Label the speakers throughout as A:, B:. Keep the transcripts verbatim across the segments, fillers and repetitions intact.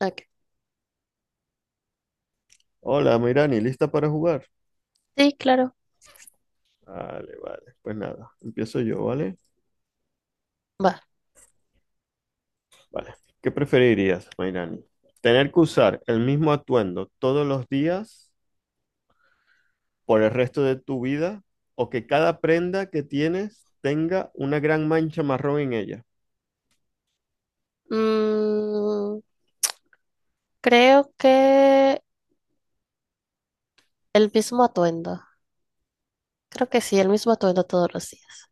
A: Ok.
B: Hola, Mirani, ¿lista para jugar?
A: Sí, claro.
B: Vale, vale. Pues nada, empiezo yo, ¿vale?
A: Va.
B: Vale. ¿Qué preferirías, Mirani? ¿Tener que usar el mismo atuendo todos los días por el resto de tu vida o que cada prenda que tienes tenga una gran mancha marrón en ella?
A: Mm, creo que el mismo atuendo. Creo que sí, el mismo atuendo todos los días.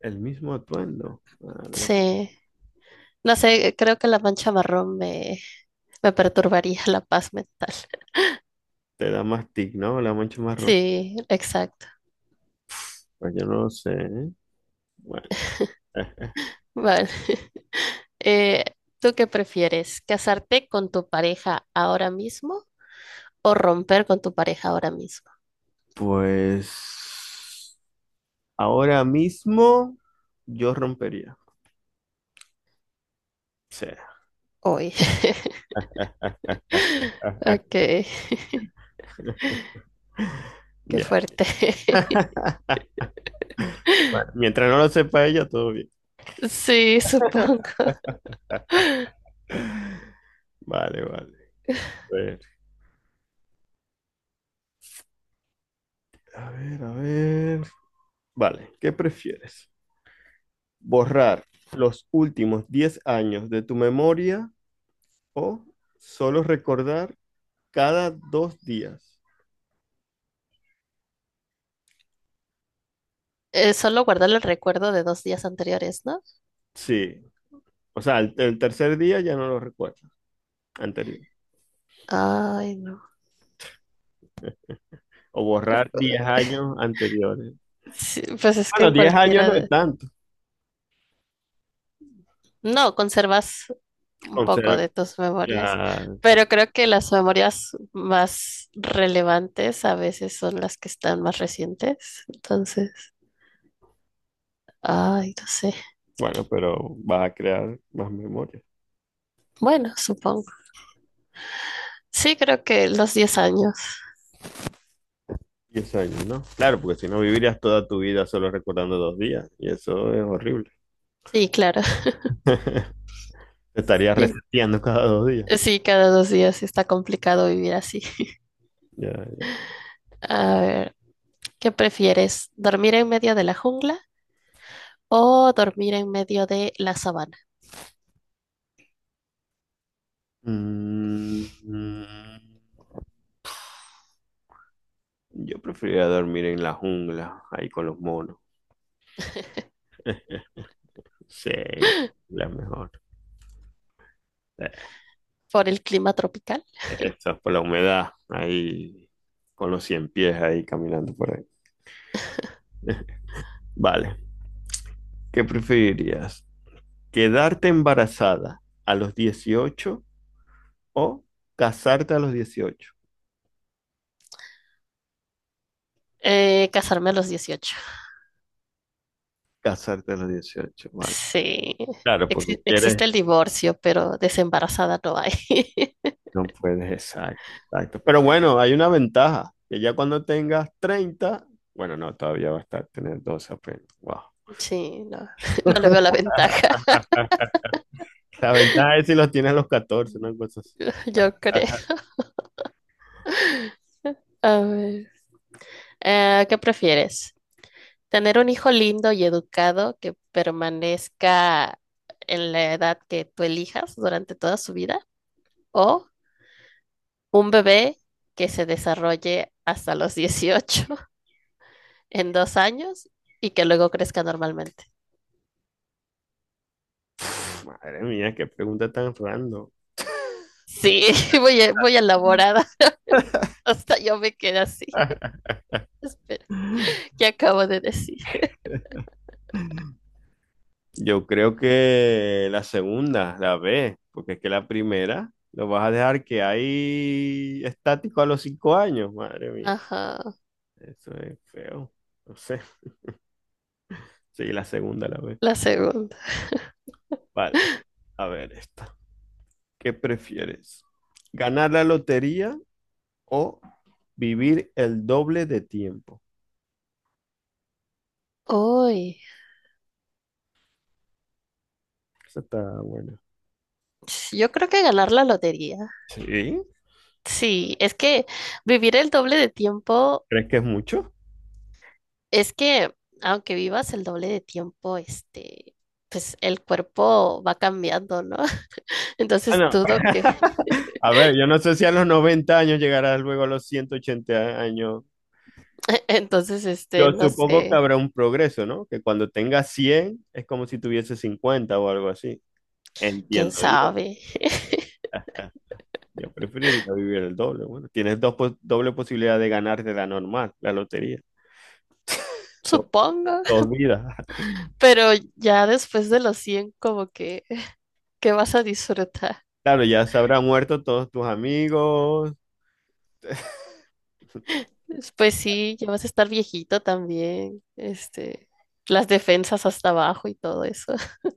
B: El mismo atuendo. Madre,
A: Sí. No sé, creo que la mancha marrón me, me perturbaría la paz mental.
B: te da más tic, ¿no? La mancha marrón.
A: Sí, exacto.
B: Pues yo no lo sé, ¿eh? Bueno, eh,
A: Vale. Eh, ¿tú qué prefieres? ¿Casarte con tu pareja ahora mismo o romper con tu pareja ahora mismo?
B: pues ahora mismo yo rompería. Sí.
A: Hoy. Ok, qué
B: Ya.
A: fuerte.
B: Bueno, mientras no lo sepa ella, todo bien.
A: Sí, supongo.
B: Vale, vale. A ver, a ver, a ver. Vale, ¿qué prefieres? ¿Borrar los últimos diez años de tu memoria o solo recordar cada dos días?
A: Eh, solo guardar el recuerdo de dos días anteriores, ¿no?
B: Sí, o sea, el, el tercer día ya no lo recuerdas, anterior.
A: Ay, no.
B: O borrar diez años anteriores.
A: Sí, pues es que
B: Bueno,
A: en
B: diez años
A: cualquiera
B: no es
A: de-
B: tanto.
A: No, conservas un
B: Con
A: poco
B: cero-
A: de tus memorias,
B: ya,
A: pero creo que las memorias más relevantes a veces son las que están más recientes. Entonces, ay, no sé.
B: bueno, pero vas a crear más memoria.
A: Bueno, supongo. Sí, creo que los diez años.
B: Diez años, ¿no? Claro, porque si no vivirías toda tu vida solo recordando dos días, y eso es horrible.
A: Sí, claro.
B: Te estarías
A: Sí,
B: reseteando cada dos días.
A: sí, cada dos días está complicado vivir así.
B: Ya, ya.
A: A ver, ¿qué prefieres? ¿Dormir en medio de la jungla o dormir en medio de la sabana
B: Mm, mm, yo preferiría dormir en la jungla, ahí con los monos. Sí, la mejor. Eh,
A: por el clima tropical?
B: Eso es por la humedad, ahí con los cien pies ahí caminando por ahí. Vale, ¿qué preferirías? ¿Quedarte embarazada a los dieciocho o casarte a los dieciocho?
A: Eh, casarme a los dieciocho.
B: Casarte a los dieciocho, vale.
A: Sí.
B: Claro, porque
A: Exi-
B: quieres,
A: existe el divorcio, pero desembarazada no hay.
B: no puedes, exacto, exacto. Pero bueno, hay una ventaja, que ya cuando tengas treinta, bueno, no, todavía va a estar tener doce apenas. Wow.
A: Sí, no, no le veo la ventaja,
B: La ventaja es si los tienes a los catorce, una cosa así.
A: yo creo. A ver, eh, ¿qué prefieres? ¿Tener un hijo lindo y educado que permanezca en la edad que tú elijas durante toda su vida? ¿O un bebé que se desarrolle hasta los dieciocho en dos años y que luego crezca normalmente?
B: Madre mía, qué pregunta tan random.
A: Sí, voy, a- voy elaborada. Hasta yo me quedé así. Espera, ¿qué acabo de decir?
B: Yo creo que la segunda, la B, porque es que la primera lo vas a dejar que ahí estático a los cinco años. Madre mía,
A: Ajá,
B: eso es feo. No sé. Sí, la segunda, la B.
A: la segunda.
B: Vale. A ver esta. ¿Qué prefieres? ¿Ganar la lotería o vivir el doble de tiempo?
A: Uy,
B: Esa está buena.
A: yo creo que ganar la lotería.
B: ¿Sí?
A: Sí, es que vivir el doble de tiempo,
B: ¿Crees que es mucho?
A: es que aunque vivas el doble de tiempo, este, pues el cuerpo va cambiando, ¿no?
B: Ah,
A: Entonces
B: no.
A: dudo que,
B: A ver, yo no sé si a los noventa años llegarás luego a los ciento ochenta años.
A: entonces, este,
B: Yo
A: no
B: supongo que
A: sé,
B: habrá un progreso, ¿no? Que cuando tenga cien es como si tuviese cincuenta o algo así.
A: quién
B: Entiendo yo.
A: sabe.
B: Yo preferiría vivir el doble. Bueno, tienes dos pos- doble posibilidad de ganar de la normal, la lotería. Do-
A: Supongo.
B: dos vidas.
A: Pero ya después de los cien como que, ¿qué vas a disfrutar?
B: Claro, ya se habrán muerto todos tus amigos.
A: Pues sí, ya vas a estar viejito también, este, las defensas hasta abajo y todo eso.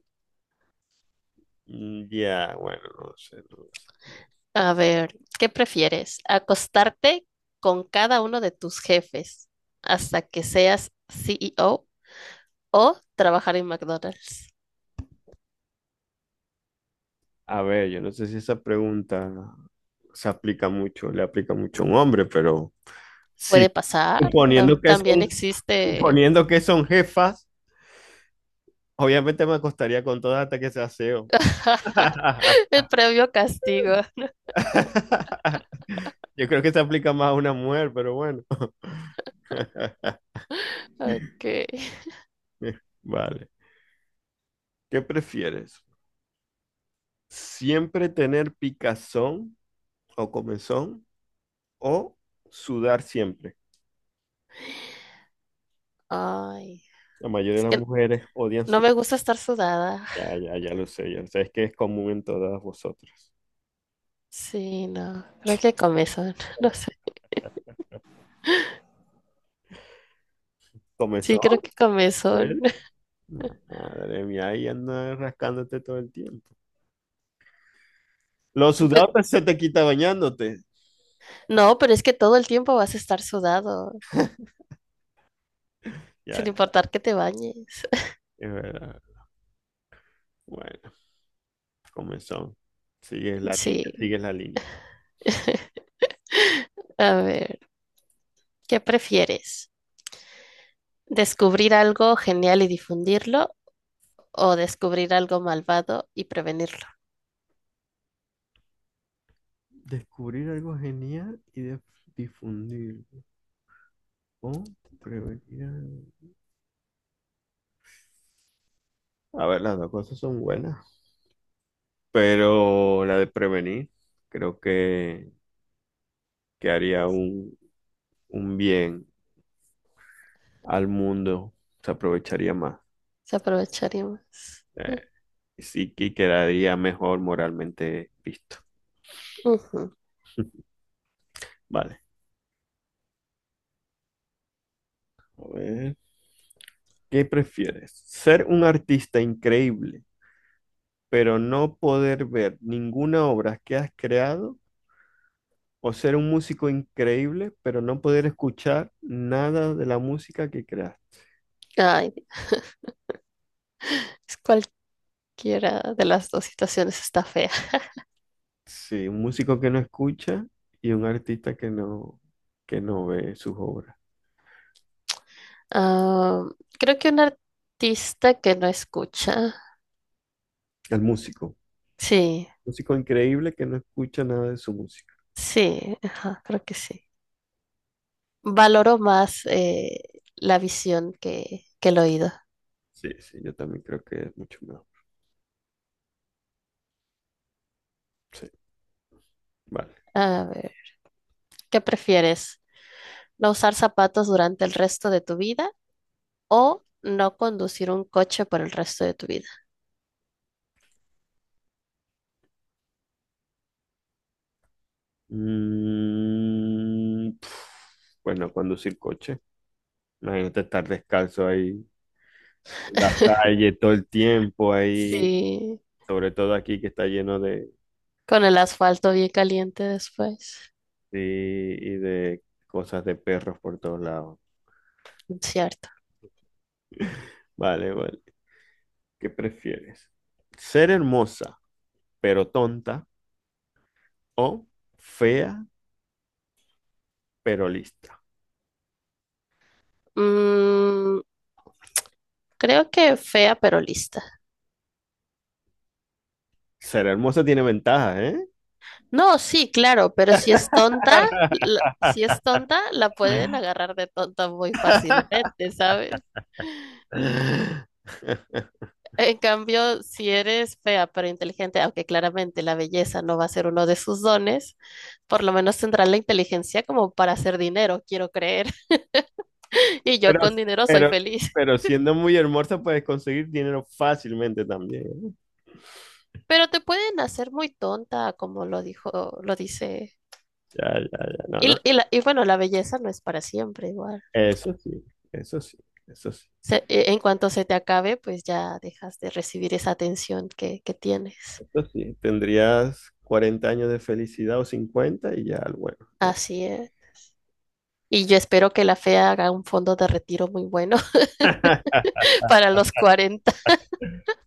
B: Mm, Ya, bueno, no sé, no lo sé.
A: A ver, ¿qué prefieres? ¿Acostarte con cada uno de tus jefes hasta que seas CEO o o trabajar en McDonald's?
B: A ver, yo no sé si esa pregunta se aplica mucho, le aplica mucho a un hombre, pero
A: Puede
B: sí,
A: pasar,
B: suponiendo
A: tam-
B: que
A: también
B: son,
A: existe
B: suponiendo que son jefas. Obviamente me acostaría con todas hasta que sea S E O.
A: el previo castigo.
B: Yo creo que se aplica más a una mujer, pero bueno.
A: Ok.
B: Vale. ¿Qué prefieres? ¿Siempre tener picazón o comezón o sudar siempre?
A: Ay,
B: La mayoría de
A: es
B: las
A: que
B: mujeres odian
A: no
B: su...
A: me gusta estar sudada.
B: Ya, ya, ya lo sé, ya lo sé. Es que es común en todas vosotras.
A: Sí, no, creo que comezón, no sé.
B: ¿Comezón?
A: Sí, creo que comezón.
B: ¿Eh? No, madre mía, ahí andas rascándote todo el tiempo. Los
A: Pues,
B: sudados se te quita bañándote.
A: no, pero es que todo el tiempo vas a estar sudado,
B: Ya,
A: sin
B: ya,
A: importar que te bañes.
B: es verdad. Bueno, comenzó. Sigue la línea,
A: Sí,
B: sigue la línea.
A: a ver, ¿qué prefieres? ¿Descubrir algo genial y difundirlo o descubrir algo malvado y prevenirlo?
B: Descubrir algo genial y de- difundir. O prevenir algo. A ver, las dos cosas son buenas. Pero la de prevenir, creo que, que haría un, un bien al mundo. Se aprovecharía más.
A: Se aprovecharíamos.
B: Eh, y sí que quedaría mejor moralmente visto.
A: Ujú.
B: Vale. A ver. ¿Qué prefieres? ¿Ser un artista increíble, pero no poder ver ninguna obra que has creado, o ser un músico increíble, pero no poder escuchar nada de la música que creas?
A: Ay, es cualquiera de las dos situaciones está fea.
B: Sí, un músico que no escucha y un artista que no, que no ve sus obras.
A: Ah, creo que un artista que no escucha.
B: El músico.
A: Sí.
B: Músico increíble que no escucha nada de su música.
A: Sí, ajá, creo que sí. Valoro más eh, la visión que, que el oído.
B: Sí, sí, yo también creo que es mucho mejor. Sí, vale.
A: A ver, ¿qué prefieres? ¿No usar zapatos durante el resto de tu vida o no conducir un coche por el resto de tu vida?
B: Mm, pf, bueno, conducir coche. Imagínate estar descalzo ahí la calle todo el tiempo ahí,
A: Sí,
B: sobre todo aquí que está lleno de,
A: con el asfalto bien caliente después.
B: de- y de cosas de perros por todos lados.
A: Cierto.
B: Vale, vale. ¿Qué prefieres? ¿Ser hermosa pero tonta o fea pero lista?
A: Mm, creo que fea pero lista.
B: Ser hermosa tiene ventajas, ¿eh?
A: No, sí, claro, pero si es tonta, la- si es tonta, la pueden agarrar de tonta muy fácilmente, ¿sabes? En cambio, si eres fea pero inteligente, aunque claramente la belleza no va a ser uno de sus dones, por lo menos tendrás la inteligencia como para hacer dinero, quiero creer. Y yo
B: Pero,
A: con dinero soy
B: pero,
A: feliz.
B: pero siendo muy hermosa puedes conseguir dinero fácilmente también, ¿eh?
A: Pero te pueden hacer muy tonta, como lo dijo, lo dice.
B: Ya, ya, ya, no,
A: Y,
B: no.
A: y la- y bueno, la belleza no es para siempre igual.
B: Eso sí, eso sí, eso sí.
A: Se- e- en cuanto se te acabe, pues ya dejas de recibir esa atención que, que tienes.
B: Eso sí, tendrías cuarenta años de felicidad o cincuenta y ya, bueno, ya.
A: Así es. Y yo espero que la fea haga un fondo de retiro muy bueno para los cuarenta.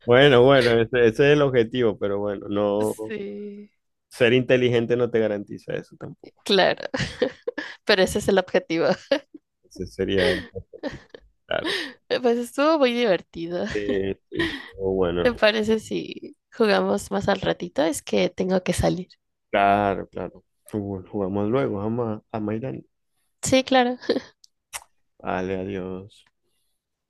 B: Bueno, bueno, ese, ese es el objetivo, pero bueno, no
A: Sí.
B: ser inteligente no te garantiza eso tampoco.
A: Claro, pero ese es el objetivo.
B: Ese sería, claro.
A: Pues estuvo muy divertido.
B: Sí, sí. O bueno,
A: ¿Te parece si jugamos más al ratito? Es que tengo que salir.
B: claro, claro. Jugamos luego, vamos a, a Maidán.
A: Sí, claro.
B: Vale, adiós.